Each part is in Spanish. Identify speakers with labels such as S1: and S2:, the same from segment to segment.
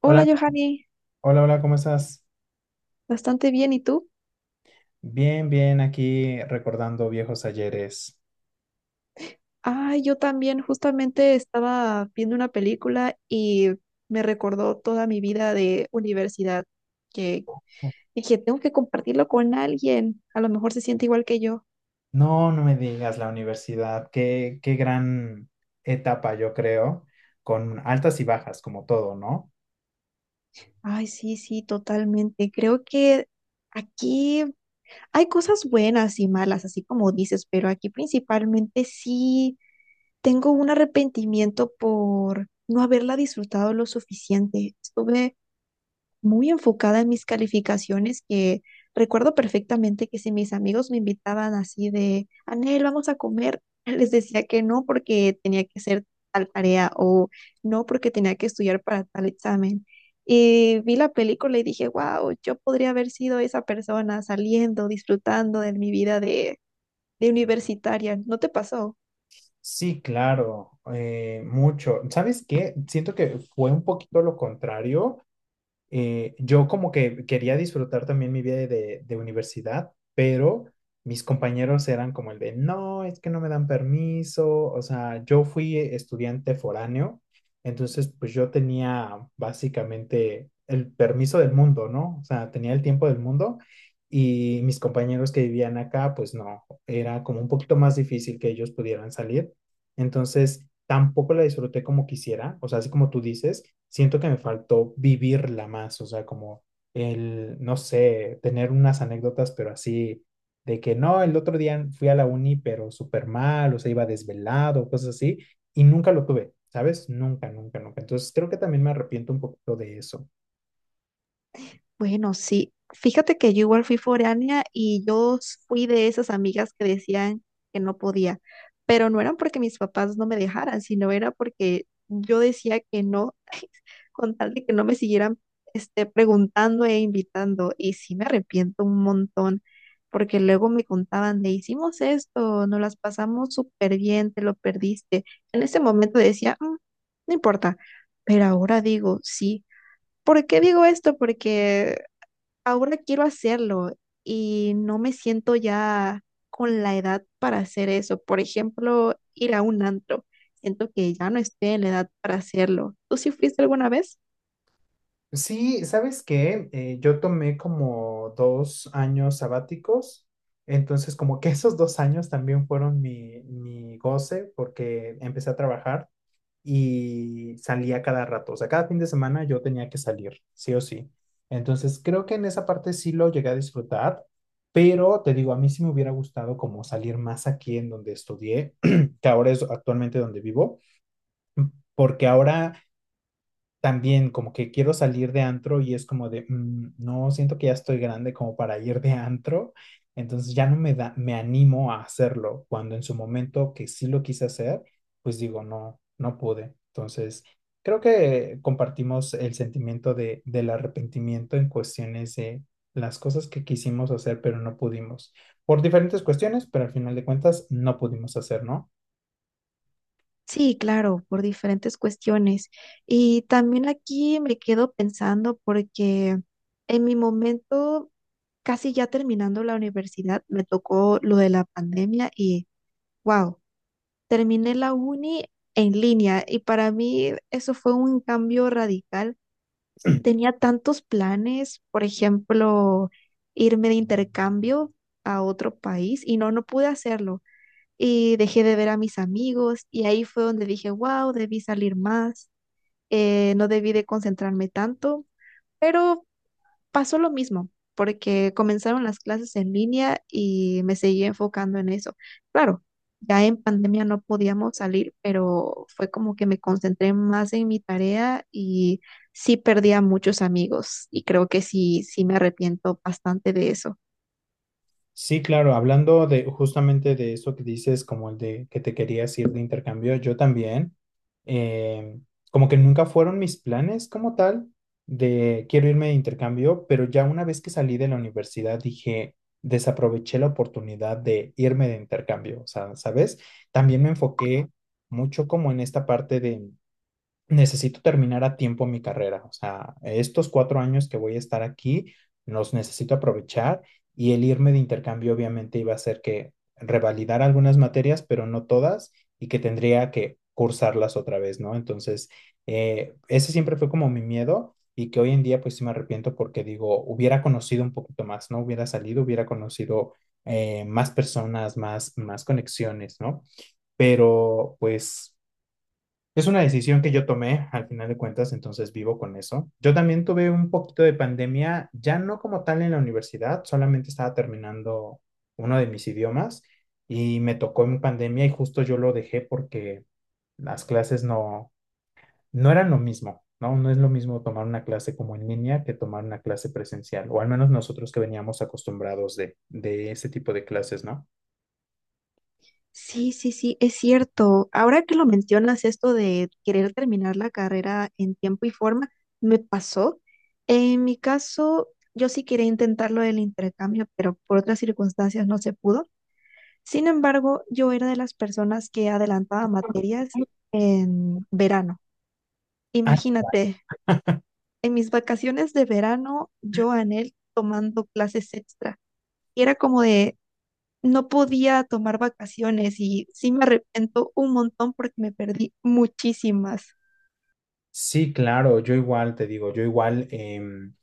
S1: Hola,
S2: Hola,
S1: Johanny.
S2: hola, hola, ¿cómo estás?
S1: Bastante bien, ¿y tú?
S2: Bien, bien, aquí recordando viejos ayeres.
S1: Ay, yo también justamente estaba viendo una película y me recordó toda mi vida de universidad, que dije, tengo que compartirlo con alguien, a lo mejor se siente igual que yo.
S2: No, no me digas la universidad, qué gran etapa, yo creo, con altas y bajas, como todo, ¿no?
S1: Ay, sí, sí, totalmente. Creo que aquí hay cosas buenas y malas, así como dices, pero aquí principalmente sí tengo un arrepentimiento por no haberla disfrutado lo suficiente. Estuve muy enfocada en mis calificaciones, que recuerdo perfectamente que si mis amigos me invitaban así de, Anel, vamos a comer, les decía que no porque tenía que hacer tal tarea o no porque tenía que estudiar para tal examen. Y vi la película y dije, wow, yo podría haber sido esa persona saliendo, disfrutando de mi vida de universitaria. ¿No te pasó?
S2: Sí, claro, mucho. ¿Sabes qué? Siento que fue un poquito lo contrario. Yo como que quería disfrutar también mi vida de universidad, pero mis compañeros eran como el de, no, es que no me dan permiso, o sea, yo fui estudiante foráneo, entonces pues yo tenía básicamente el permiso del mundo, ¿no? O sea, tenía el tiempo del mundo y mis compañeros que vivían acá, pues no, era como un poquito más difícil que ellos pudieran salir, entonces tampoco la disfruté como quisiera, o sea, así como tú dices siento que me faltó vivirla más, o sea, como el, no sé, tener unas anécdotas, pero así, de que no, el otro día fui a la uni, pero súper mal, o sea, iba desvelado, cosas así, y nunca lo tuve, ¿sabes? Nunca, nunca, nunca. Entonces, creo que también me arrepiento un poquito de eso.
S1: Bueno, sí. Fíjate que yo igual fui foránea y yo s- fui de esas amigas que decían que no podía, pero no eran porque mis papás no me dejaran, sino era porque yo decía que no, con tal de que no me siguieran preguntando e invitando. Y sí me arrepiento un montón, porque luego me contaban de hicimos esto, nos las pasamos súper bien, te lo perdiste. En ese momento decía, no importa", pero ahora digo, sí. ¿Por qué digo esto? Porque ahora quiero hacerlo y no me siento ya con la edad para hacer eso. Por ejemplo, ir a un antro. Siento que ya no estoy en la edad para hacerlo. ¿Tú sí fuiste alguna vez?
S2: Sí, ¿sabes qué? Yo tomé como dos años sabáticos. Entonces, como que esos dos años también fueron mi goce porque empecé a trabajar y salía cada rato. O sea, cada fin de semana yo tenía que salir, sí o sí. Entonces, creo que en esa parte sí lo llegué a disfrutar, pero te digo, a mí sí me hubiera gustado como salir más aquí en donde estudié, que ahora es actualmente donde vivo, porque ahora también como que quiero salir de antro y es como de, "Mm, no, siento que ya estoy grande como para ir de antro, entonces ya no me da, me animo a hacerlo, cuando en su momento que sí lo quise hacer, pues digo, no, no pude. Entonces, creo que compartimos el sentimiento del arrepentimiento en cuestiones de las cosas que quisimos hacer, pero no pudimos, por diferentes cuestiones, pero al final de cuentas no pudimos hacer, ¿no?
S1: Sí, claro, por diferentes cuestiones. Y también aquí me quedo pensando porque en mi momento, casi ya terminando la universidad, me tocó lo de la pandemia y wow, terminé la uni en línea y para mí eso fue un cambio radical. Tenía tantos planes, por ejemplo, irme de intercambio a otro país y no, no pude hacerlo. Y dejé de ver a mis amigos y ahí fue donde dije, wow, debí salir más, no debí de concentrarme tanto, pero pasó lo mismo, porque comenzaron las clases en línea y me seguí enfocando en eso. Claro, ya en pandemia no podíamos salir, pero fue como que me concentré más en mi tarea y sí perdí a muchos amigos y creo que sí, sí me arrepiento bastante de eso.
S2: Sí, claro, hablando de justamente de eso que dices, como el de que te querías ir de intercambio, yo también, eh, como que nunca fueron mis planes como tal de quiero irme de intercambio, pero ya una vez que salí de la universidad dije, desaproveché la oportunidad de irme de intercambio, o sea, ¿sabes? También me enfoqué mucho como en esta parte de necesito terminar a tiempo mi carrera. O sea, estos cuatro años que voy a estar aquí, los necesito aprovechar y el irme de intercambio obviamente iba a ser que revalidar algunas materias, pero no todas, y que tendría que cursarlas otra vez, ¿no? Entonces, ese siempre fue como mi miedo y que hoy en día pues sí me arrepiento porque digo, hubiera conocido un poquito más, ¿no? Hubiera salido, hubiera conocido más personas, más conexiones, ¿no? Pero pues es una decisión que yo tomé al final de cuentas, entonces vivo con eso. Yo también tuve un poquito de pandemia, ya no como tal en la universidad, solamente estaba terminando uno de mis idiomas y me tocó en pandemia y justo yo lo dejé porque las clases no, no eran lo mismo, ¿no? No es lo mismo tomar una clase como en línea que tomar una clase presencial, o al menos nosotros que veníamos acostumbrados de ese tipo de clases, ¿no?
S1: Sí, sí, sí, es cierto. Ahora que lo mencionas, esto de querer terminar la carrera en tiempo y forma, me pasó. En mi caso, yo sí quería intentarlo del intercambio, pero por otras circunstancias no se pudo. Sin embargo, yo era de las personas que adelantaba materias en verano.
S2: Ah,
S1: Imagínate, en mis vacaciones de verano, yo anhel tomando clases extra. Y era como de, no podía tomar vacaciones y sí me arrepiento un montón porque me perdí muchísimas.
S2: sí, claro, yo igual te digo, yo igual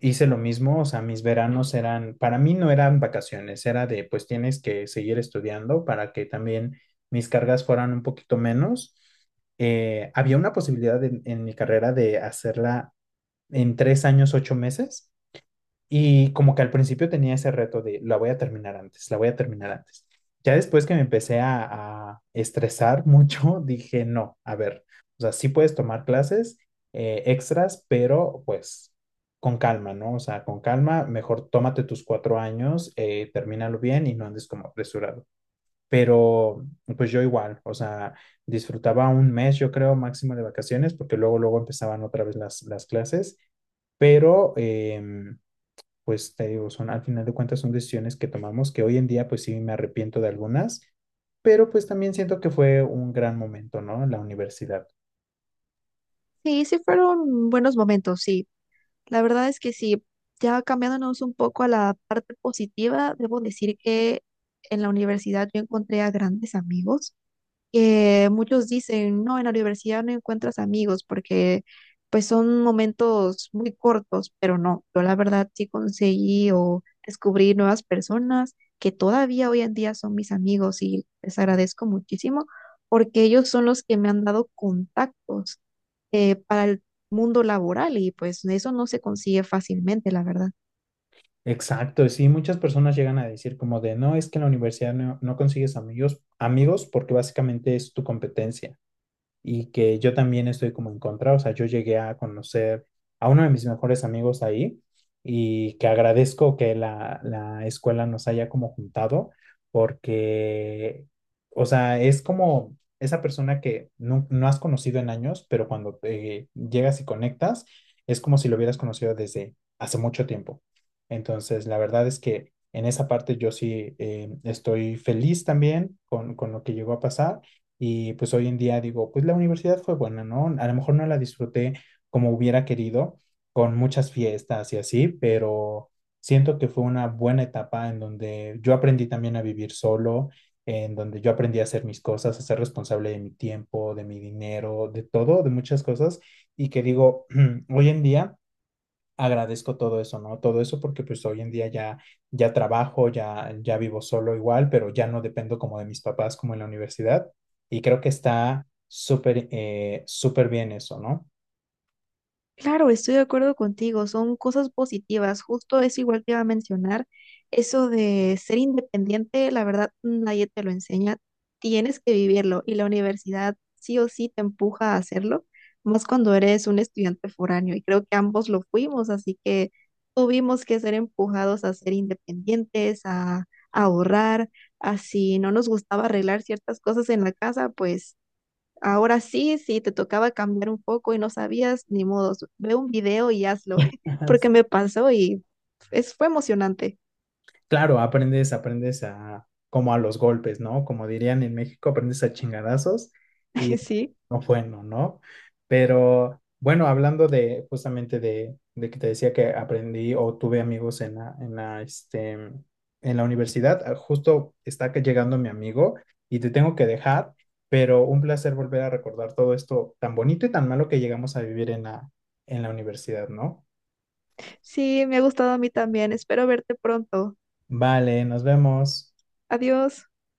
S2: hice lo mismo, o sea, mis veranos eran, para mí no eran vacaciones, era de, pues tienes que seguir estudiando para que también mis cargas fueran un poquito menos. Había una posibilidad en mi carrera de hacerla en tres años, ocho meses, y como que al principio tenía ese reto de la voy a terminar antes, la voy a terminar antes. Ya después que me empecé a estresar mucho, dije, no, a ver, o sea, sí puedes tomar clases extras, pero pues con calma, ¿no? O sea, con calma, mejor tómate tus cuatro años, termínalo bien y no andes como apresurado. Pero pues yo igual, o sea, disfrutaba un mes, yo creo, máximo de vacaciones, porque luego, luego empezaban otra vez las clases, pero pues te digo, son al final de cuentas son decisiones que tomamos que hoy en día pues sí me arrepiento de algunas, pero pues también siento que fue un gran momento, ¿no? La universidad.
S1: Sí, sí fueron buenos momentos, sí. La verdad es que sí. Ya cambiándonos un poco a la parte positiva, debo decir que en la universidad yo encontré a grandes amigos. Muchos dicen, no, en la universidad no encuentras amigos porque pues son momentos muy cortos, pero no, yo la verdad sí conseguí o descubrí nuevas personas que todavía hoy en día son mis amigos y les agradezco muchísimo porque ellos son los que me han dado contactos para el mundo laboral y pues eso no se consigue fácilmente, la verdad.
S2: Exacto, sí, muchas personas llegan a decir como de, no, es que en la universidad no, no consigues amigos, amigos porque básicamente es tu competencia. Y que yo también estoy como en contra. O sea, yo llegué a conocer a uno de mis mejores amigos ahí y que agradezco que la escuela nos haya como juntado porque, o sea, es como esa persona que no, no has conocido en años, pero cuando llegas y conectas, es como si lo hubieras conocido desde hace mucho tiempo. Entonces, la verdad es que en esa parte yo sí estoy feliz también con lo que llegó a pasar y pues hoy en día digo, pues la universidad fue buena, ¿no? A lo mejor no la disfruté como hubiera querido, con muchas fiestas y así, pero siento que fue una buena etapa en donde yo aprendí también a vivir solo, en donde yo aprendí a hacer mis cosas, a ser responsable de mi tiempo, de mi dinero, de todo, de muchas cosas, y que digo, hoy en día agradezco todo eso, ¿no? Todo eso porque pues hoy en día ya, ya trabajo, ya, ya vivo solo igual, pero ya no dependo como de mis papás como en la universidad y creo que está súper, súper bien eso, ¿no?
S1: Claro, estoy de acuerdo contigo, son cosas positivas, justo es igual que iba a mencionar, eso de ser independiente, la verdad nadie te lo enseña, tienes que vivirlo y la universidad sí o sí te empuja a hacerlo, más cuando eres un estudiante foráneo y creo que ambos lo fuimos, así que tuvimos que ser empujados a ser independientes, a ahorrar, a si no nos gustaba arreglar ciertas cosas en la casa, pues ahora sí, sí, te tocaba cambiar un poco y no sabías, ni modos. Ve un video y hazlo,
S2: Ajá.
S1: porque me pasó y es, fue emocionante.
S2: Claro, aprendes, aprendes a, como a los golpes, ¿no? Como dirían en México, aprendes a chingadazos.
S1: Sí,
S2: No, bueno, ¿no? Pero bueno, hablando de justamente de que te decía que aprendí o tuve amigos en la, este, en la universidad, ah, justo está que llegando mi amigo y te tengo que dejar, pero un placer volver a recordar todo esto tan bonito y tan malo que llegamos a vivir en en la universidad, ¿no?
S1: sí, me ha gustado a mí también. Espero verte pronto.
S2: Vale, nos vemos.
S1: Adiós.